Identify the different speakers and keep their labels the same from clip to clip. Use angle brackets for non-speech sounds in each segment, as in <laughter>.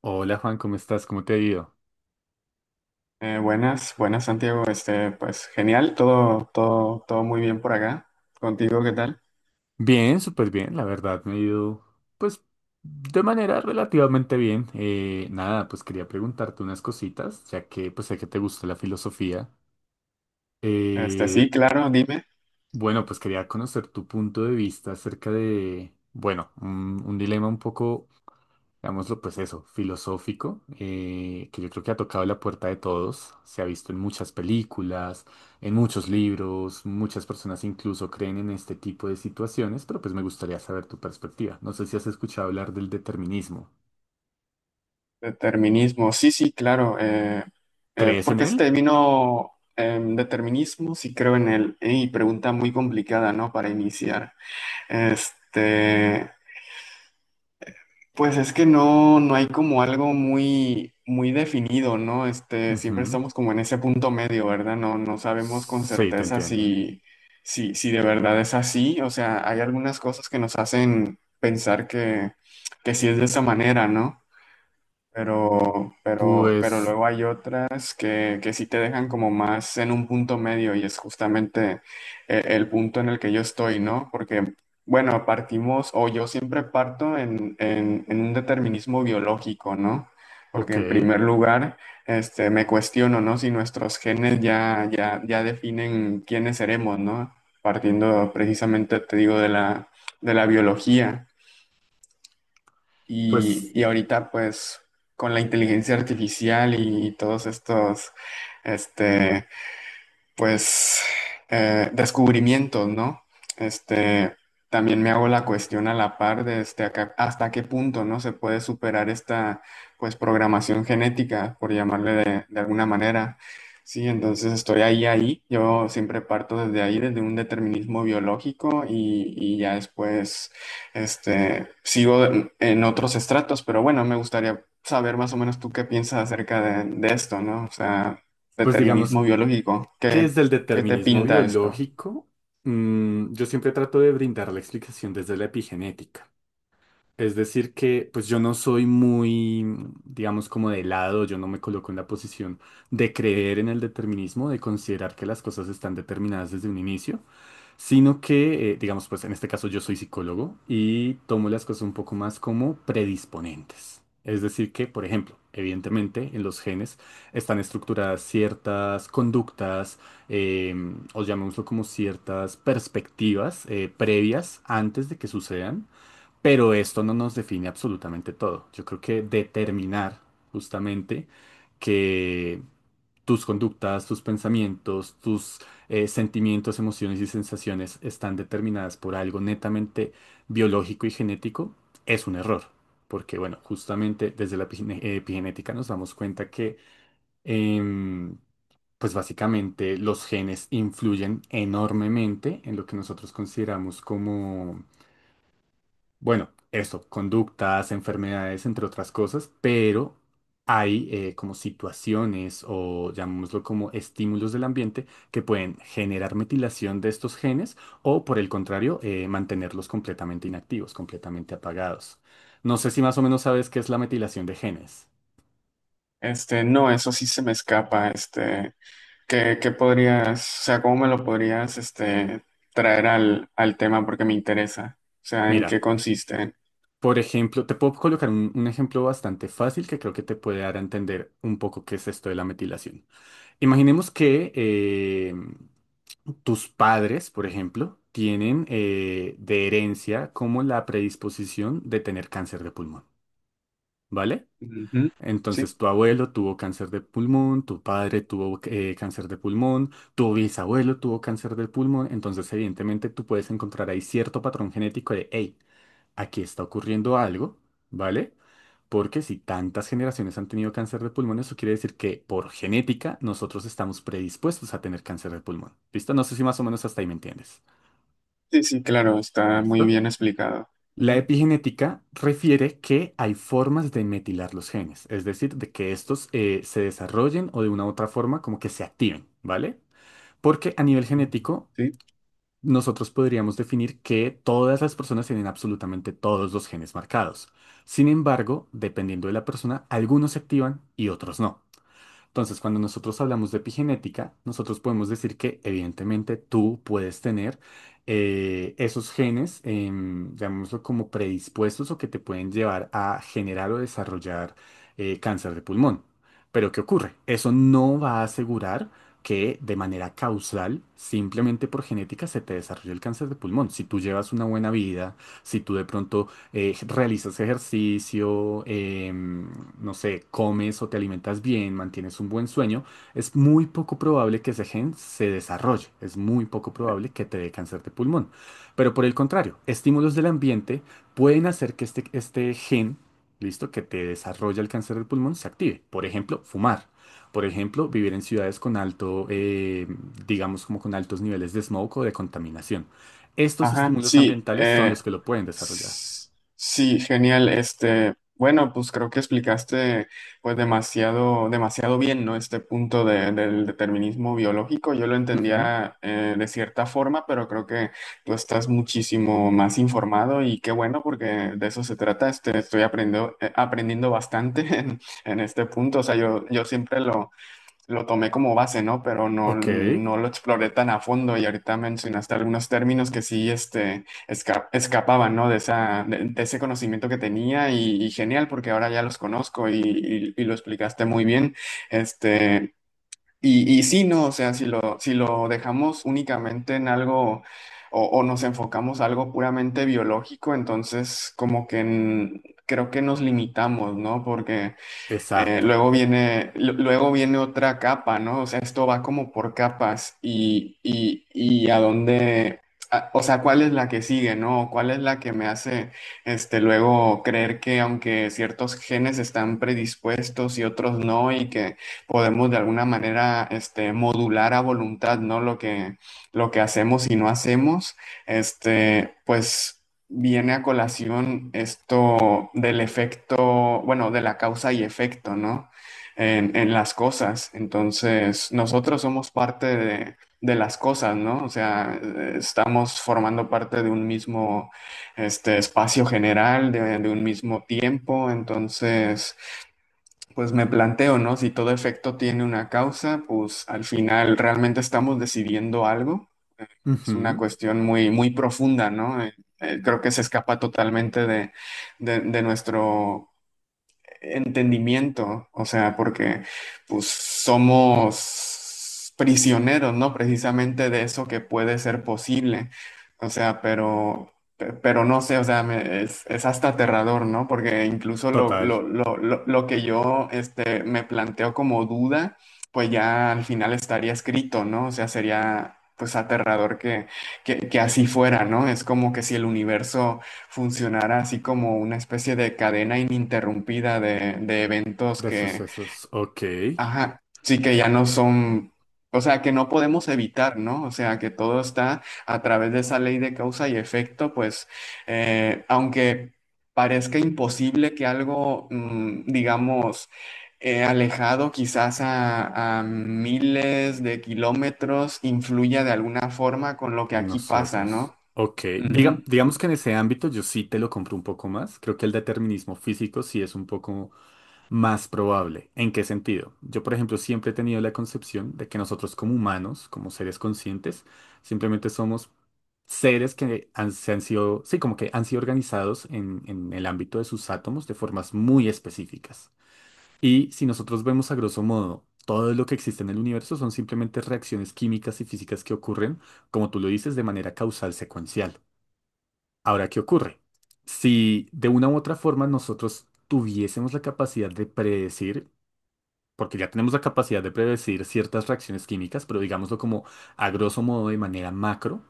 Speaker 1: Hola Juan, ¿cómo estás? ¿Cómo te ha ido?
Speaker 2: Buenas Santiago, pues genial, todo muy bien por acá. Contigo, ¿qué tal?
Speaker 1: Bien, súper bien, la verdad me ha ido pues de manera relativamente bien. Nada, pues quería preguntarte unas cositas, ya que pues sé que te gusta la filosofía.
Speaker 2: Sí,
Speaker 1: Eh,
Speaker 2: claro, dime.
Speaker 1: bueno, pues quería conocer tu punto de vista acerca de, bueno, un dilema un poco, digámoslo, pues eso, filosófico, que yo creo que ha tocado la puerta de todos. Se ha visto en muchas películas, en muchos libros, muchas personas incluso creen en este tipo de situaciones, pero pues me gustaría saber tu perspectiva. No sé si has escuchado hablar del determinismo.
Speaker 2: Determinismo, sí, sí, claro.
Speaker 1: ¿Crees
Speaker 2: ¿Por
Speaker 1: en
Speaker 2: qué se te
Speaker 1: él?
Speaker 2: vino determinismo? Sí, creo en él. Y pregunta muy complicada, ¿no? Para iniciar. Este, Pues es que no hay como algo muy, muy definido, ¿no? Siempre
Speaker 1: Ujú.
Speaker 2: estamos como en ese punto medio, ¿verdad? No sabemos con
Speaker 1: Sí, te
Speaker 2: certeza
Speaker 1: entiendo.
Speaker 2: si de verdad es así. O sea, hay algunas cosas que nos hacen pensar que sí es de esa manera, ¿no? Pero
Speaker 1: Pues,
Speaker 2: luego hay otras que sí te dejan como más en un punto medio y es justamente el punto en el que yo estoy, ¿no? Porque bueno, partimos o yo siempre parto en un determinismo biológico, ¿no? Porque
Speaker 1: ok.
Speaker 2: en primer lugar, me cuestiono, ¿no? Si nuestros genes ya definen quiénes seremos, ¿no? Partiendo precisamente, te digo, de la biología.
Speaker 1: Pues,
Speaker 2: Y ahorita, pues, con la inteligencia artificial y todos estos, este, pues descubrimientos, ¿no? Este, también me hago la cuestión a la par de hasta qué punto, ¿no? Se puede superar esta, pues, programación genética, por llamarle de alguna manera. Sí, entonces estoy ahí. Yo siempre parto desde ahí, desde un determinismo biológico y ya después, sigo en otros estratos, pero bueno, me gustaría saber más o menos tú qué piensas acerca de esto, ¿no? O sea,
Speaker 1: pues
Speaker 2: determinismo
Speaker 1: digamos,
Speaker 2: biológico.
Speaker 1: ¿qué
Speaker 2: ¿
Speaker 1: es el
Speaker 2: qué te
Speaker 1: determinismo
Speaker 2: pinta esto?
Speaker 1: biológico? Yo siempre trato de brindar la explicación desde la epigenética. Es decir que pues yo no soy muy, digamos, como de lado, yo no me coloco en la posición de creer en el determinismo, de considerar que las cosas están determinadas desde un inicio, sino que, digamos, pues en este caso yo soy psicólogo y tomo las cosas un poco más como predisponentes. Es decir que, por ejemplo, evidentemente en los genes están estructuradas ciertas conductas, eh, o llamémoslo como ciertas perspectivas previas antes de que sucedan. Pero esto no nos define absolutamente todo. Yo creo que determinar justamente que tus conductas, tus pensamientos, tus sentimientos, emociones y sensaciones están determinadas por algo netamente biológico y genético es un error. Porque, bueno, justamente desde la epigenética nos damos cuenta que, em, pues básicamente los genes influyen enormemente en lo que nosotros consideramos, bueno, eso, conductas, enfermedades, entre otras cosas, pero hay, como situaciones o llamémoslo como estímulos del ambiente que pueden generar metilación de estos genes o por el contrario, mantenerlos completamente inactivos, completamente apagados. No sé si más o menos sabes qué es la metilación de genes.
Speaker 2: No, eso sí se me escapa. ¿ Qué podrías, o sea, cómo me lo podrías, traer al tema porque me interesa? O sea, ¿en
Speaker 1: Mira,
Speaker 2: qué consiste?
Speaker 1: por ejemplo, te puedo colocar un ejemplo bastante fácil que creo que te puede dar a entender un poco qué es esto de la metilación. Imaginemos que tus padres, por ejemplo, tienen, de herencia, como la predisposición de tener cáncer de pulmón, ¿vale?
Speaker 2: Ujú. Sí,
Speaker 1: Entonces tu abuelo tuvo cáncer de pulmón, tu padre tuvo, cáncer de pulmón, tu bisabuelo tuvo cáncer de pulmón, entonces evidentemente tú puedes encontrar ahí cierto patrón genético de, hey, aquí está ocurriendo algo, ¿vale? Porque si tantas generaciones han tenido cáncer de pulmón, eso quiere decir que por genética nosotros estamos predispuestos a tener cáncer de pulmón. ¿Listo? No sé si más o menos hasta ahí me entiendes.
Speaker 2: sí, sí, claro, está muy
Speaker 1: ¿Listo?
Speaker 2: bien explicado.
Speaker 1: La
Speaker 2: Ujú.
Speaker 1: epigenética refiere que hay formas de metilar los genes, es decir, de que estos, se desarrollen o de una u otra forma como que se activen, ¿vale? Porque a nivel
Speaker 2: Ujú.
Speaker 1: genético
Speaker 2: Sí.
Speaker 1: nosotros podríamos definir que todas las personas tienen absolutamente todos los genes marcados. Sin embargo, dependiendo de la persona, algunos se activan y otros no. Entonces, cuando nosotros hablamos de epigenética, nosotros podemos decir que evidentemente tú puedes tener, esos genes, llamémoslo como predispuestos o que te pueden llevar a generar o desarrollar, cáncer de pulmón. Pero ¿qué ocurre? Eso no va a asegurar que de manera causal, simplemente por genética, se te desarrolle el cáncer de pulmón. Si tú llevas una buena vida, si tú de pronto, realizas ejercicio, no sé, comes o te alimentas bien, mantienes un buen sueño, es muy poco probable que ese gen se desarrolle, es muy poco probable que te dé cáncer de pulmón. Pero por el contrario, estímulos del ambiente pueden hacer que este gen, listo, que te desarrolla el cáncer del pulmón, se active. Por ejemplo, fumar. Por ejemplo, vivir en ciudades con alto, digamos, como con altos niveles de smog o de contaminación. Estos
Speaker 2: Ajá,
Speaker 1: estímulos
Speaker 2: sí.
Speaker 1: ambientales son los que lo pueden desarrollar.
Speaker 2: S- Sí, genial. Bueno, pues creo que explicaste pues demasiado bien, ¿no? Este del determinismo biológico. Yo lo
Speaker 1: Ujú.
Speaker 2: entendía de cierta forma, pero creo que tú estás muchísimo más informado y qué bueno, porque de eso se trata. Estoy aprendiendo, aprendiendo bastante <laughs> en este punto. O sea, yo siempre lo tomé como base, ¿no? Pero
Speaker 1: Ok,
Speaker 2: no lo exploré tan a fondo y ahorita mencionaste algunos términos que sí escapaban, ¿no? De de ese conocimiento que tenía y genial porque ahora ya los conozco y lo explicaste muy bien. Este, y sí, ¿no? O sea, si lo dejamos únicamente en algo... O, o nos enfocamos a algo puramente biológico, entonces como que mm, creo que nos limitamos, ¿no? Porque
Speaker 1: exacto.
Speaker 2: luego viene otra capa, ¿no? O sea, esto va como por capas y a dónde, o sea, ¿cuál es la que sigue, ¿no? ¿Cuál es la que me hace, luego creer que aunque ciertos genes están predispuestos y otros no y que podemos de alguna manera, modular a voluntad, ¿no? Lo que hacemos y no hacemos, pues viene a colación esto del efecto bueno, de la causa y efecto, ¿no? En las cosas. Entonces, nosotros somos parte de las cosas, ¿no? O sea, estamos formando parte de un mismo espacio general, de un mismo tiempo. Entonces, pues me planteo, ¿no? Si todo efecto tiene una causa, pues al final realmente estamos decidiendo algo. Es una
Speaker 1: Ujú.
Speaker 2: cuestión muy, muy profunda, ¿no? Creo que se escapa totalmente de nuestro entendimiento, o sea, porque pues somos prisioneros, ¿no? Precisamente de eso que puede ser posible, o sea, pero no sé, o sea, es hasta aterrador, ¿no? Porque incluso
Speaker 1: Total
Speaker 2: lo que yo me planteo como duda, pues ya al final estaría escrito, ¿no? O sea, sería pues aterrador que así fuera, ¿no? Es como que si el universo funcionara así como una especie de cadena ininterrumpida de eventos
Speaker 1: de
Speaker 2: que,
Speaker 1: sucesos. Ok, en
Speaker 2: ajá, sí, que ya no son, o sea, que no podemos evitar, ¿no? O sea, que todo está a través de esa ley de causa y efecto, pues, aunque parezca imposible que algo, mm, digamos, alejado quizás a miles de kilómetros influya de alguna forma con lo que aquí pasa,
Speaker 1: nosotros.
Speaker 2: ¿no?
Speaker 1: Ok, diga,
Speaker 2: Ujú.
Speaker 1: digamos que en ese ámbito yo sí te lo compro un poco más. Creo que el determinismo físico sí es un poco más probable. ¿En qué sentido? Yo, por ejemplo, siempre he tenido la concepción de que nosotros como humanos, como seres conscientes, simplemente somos seres que han, se han sido, sí, como que han sido organizados en el ámbito de sus átomos de formas muy específicas. Y si nosotros vemos a grosso modo, todo lo que existe en el universo son simplemente reacciones químicas y físicas que ocurren, como tú lo dices, de manera causal secuencial. Ahora, ¿qué ocurre? Si de una u otra forma nosotros tuviésemos la capacidad de predecir, porque ya tenemos la capacidad de predecir ciertas reacciones químicas, pero digámoslo como a grosso modo de manera macro,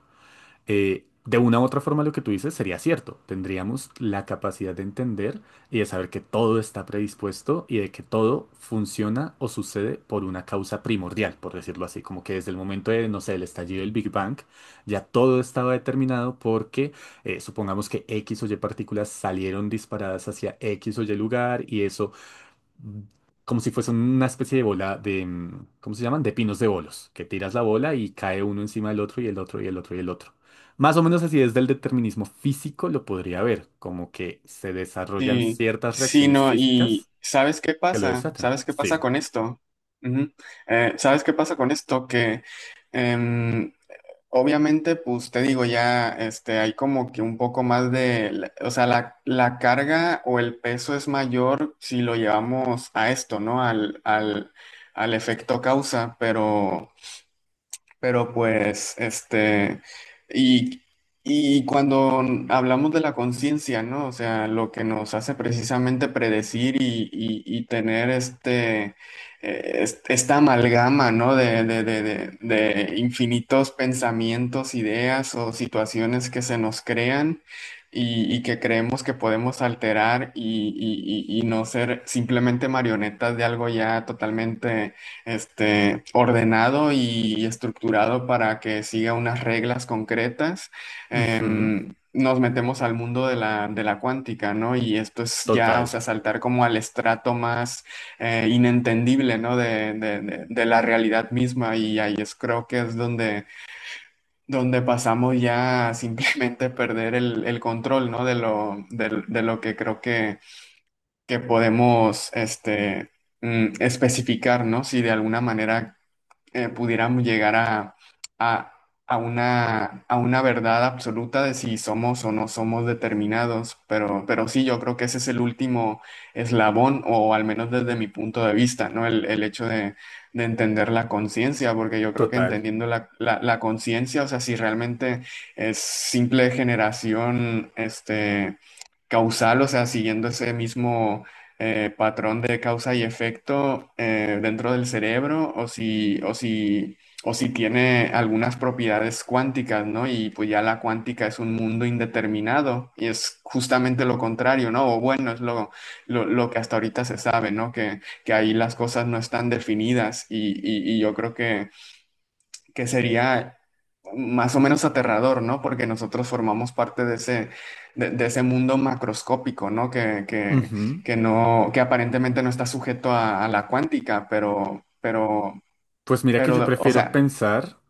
Speaker 1: de una u otra forma lo que tú dices sería cierto. Tendríamos la capacidad de entender y de saber que todo está predispuesto y de que todo funciona o sucede por una causa primordial, por decirlo así, como que desde el momento de, no sé, el estallido del Big Bang, ya todo estaba determinado porque, supongamos que X o Y partículas salieron disparadas hacia X o Y lugar y eso como si fuese una especie de bola de, ¿cómo se llaman? De pinos de bolos, que tiras la bola y cae uno encima del otro y el otro y el otro y el otro. Más o menos así desde el determinismo físico lo podría ver, como que se desarrollan
Speaker 2: Sí,
Speaker 1: ciertas
Speaker 2: sí,
Speaker 1: reacciones
Speaker 2: no, y
Speaker 1: físicas
Speaker 2: ¿sabes qué
Speaker 1: que lo
Speaker 2: pasa?
Speaker 1: desatan.
Speaker 2: ¿Sabes qué pasa
Speaker 1: Sí.
Speaker 2: con esto? Ujú. ¿Sabes qué pasa con esto? Que em, obviamente, pues te digo, ya hay como que un poco más de, o sea, la carga o el peso es mayor si lo llevamos a esto, ¿no? Al efecto causa, pero... Pero pues, y, y cuando hablamos de la conciencia, ¿no? O sea, lo que nos hace precisamente predecir y tener esta amalgama, ¿no? De infinitos pensamientos, ideas o situaciones que se nos crean y que creemos que podemos alterar y no ser simplemente marionetas de algo ya totalmente ordenado y estructurado para que siga unas reglas concretas,
Speaker 1: Ujú.
Speaker 2: nos metemos al mundo de la cuántica, ¿no? Y esto es ya, o
Speaker 1: Total,
Speaker 2: sea, saltar como al estrato más inentendible, ¿no? De la realidad misma y ahí es, creo que es donde, donde pasamos ya a simplemente <laughs> perder el control, ¿no? De lo que creo que podemos, este... mm, especificar, ¿no? Si de alguna manera pudiéramos llegar a- a a una verdad absoluta de si somos o no somos determinados, pero sí, yo creo que ese es el último eslabón, o al menos desde mi punto de vista, ¿no? El hecho de entender la conciencia, porque yo creo que
Speaker 1: total.
Speaker 2: entendiendo la conciencia, o sea, si realmente es simple generación, este... causal, o sea, siguiendo ese mismo patrón de causa y efecto dentro del cerebro o si tiene algunas propiedades cuánticas, ¿no? Y pues ya la cuántica es un mundo indeterminado y es justamente lo contrario, ¿no? O bueno, es lo que hasta ahorita se sabe, ¿no? Que ahí las cosas no están definidas y yo creo que sería más o menos aterrador, ¿no? Porque nosotros formamos parte de ese, de ese mundo macroscópico, ¿no?
Speaker 1: Ujú.
Speaker 2: Que no, que aparentemente no está sujeto a la cuántica,
Speaker 1: Pues mira que yo
Speaker 2: pero, o
Speaker 1: prefiero
Speaker 2: sea,
Speaker 1: pensar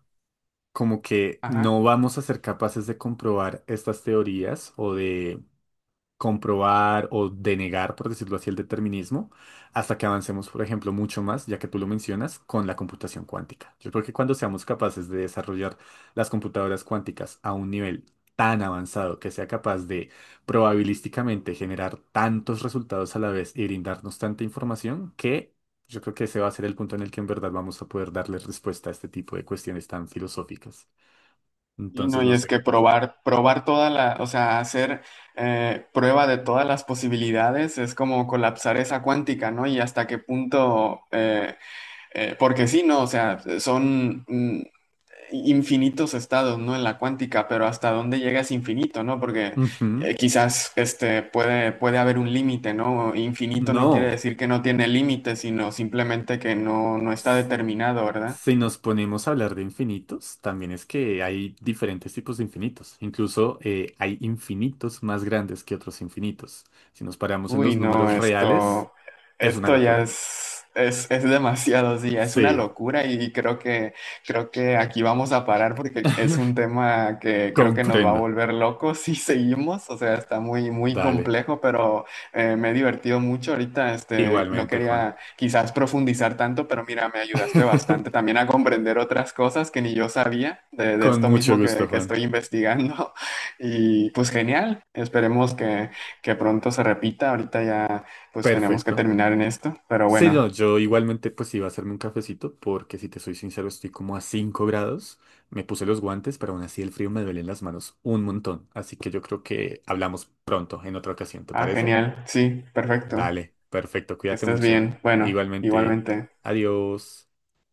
Speaker 1: como que
Speaker 2: ajá.
Speaker 1: no vamos a ser capaces de comprobar estas teorías o de comprobar o denegar, por decirlo así, el determinismo, hasta que avancemos, por ejemplo, mucho más, ya que tú lo mencionas, con la computación cuántica. Yo creo que cuando seamos capaces de desarrollar las computadoras cuánticas a un nivel tan avanzado que sea capaz de probabilísticamente generar tantos resultados a la vez y brindarnos tanta información que yo creo que ese va a ser el punto en el que en verdad vamos a poder darle respuesta a este tipo de cuestiones tan filosóficas.
Speaker 2: Y no,
Speaker 1: Entonces,
Speaker 2: y
Speaker 1: no
Speaker 2: es
Speaker 1: sé
Speaker 2: que
Speaker 1: qué piensas.
Speaker 2: probar toda la, o sea, hacer prueba de todas las posibilidades es como colapsar esa cuántica, ¿no? Y hasta qué punto, porque sí, ¿no? O sea, son mm, infinitos estados, ¿no? En la cuántica, pero hasta dónde llega es infinito, ¿no? Porque
Speaker 1: Ujú.
Speaker 2: quizás este puede, puede haber un límite, ¿no? Infinito no quiere
Speaker 1: No.
Speaker 2: decir que no tiene límite, sino simplemente que no está determinado, ¿verdad?
Speaker 1: Si nos ponemos a hablar de infinitos, también es que hay diferentes tipos de infinitos. Incluso, hay infinitos más grandes que otros infinitos. Si nos paramos en los
Speaker 2: Uy, no,
Speaker 1: números reales, es una
Speaker 2: esto ya
Speaker 1: locura.
Speaker 2: es demasiado, sí, es una
Speaker 1: Sí,
Speaker 2: locura y creo que aquí vamos a parar porque es un
Speaker 1: <laughs>
Speaker 2: tema que creo que nos va a
Speaker 1: comprendo.
Speaker 2: volver locos si <laughs> seguimos, o sea, está muy, muy
Speaker 1: Dale.
Speaker 2: complejo, pero me he divertido mucho ahorita, no
Speaker 1: Igualmente, Juan.
Speaker 2: quería quizás profundizar tanto, pero mira, me ayudaste bastante
Speaker 1: <laughs>
Speaker 2: también a comprender otras cosas que ni yo sabía de
Speaker 1: Con
Speaker 2: esto
Speaker 1: mucho
Speaker 2: mismo
Speaker 1: gusto,
Speaker 2: que
Speaker 1: Juan.
Speaker 2: estoy investigando <laughs> y pues genial, esperemos que pronto se repita. Ahorita ya pues tenemos que
Speaker 1: Perfecto.
Speaker 2: terminar en esto, pero
Speaker 1: Sí, no,
Speaker 2: bueno.
Speaker 1: yo igualmente pues iba a hacerme un cafecito porque si te soy sincero estoy como a 5 grados, me puse los guantes, pero aún así el frío me duele en las manos un montón, así que yo creo que hablamos pronto en otra ocasión, ¿te
Speaker 2: Ah,
Speaker 1: parece?
Speaker 2: genial. Sí, perfecto.
Speaker 1: Dale, perfecto,
Speaker 2: Que
Speaker 1: cuídate
Speaker 2: estés
Speaker 1: mucho.
Speaker 2: bien. Bueno,
Speaker 1: Igualmente,
Speaker 2: igualmente.
Speaker 1: adiós.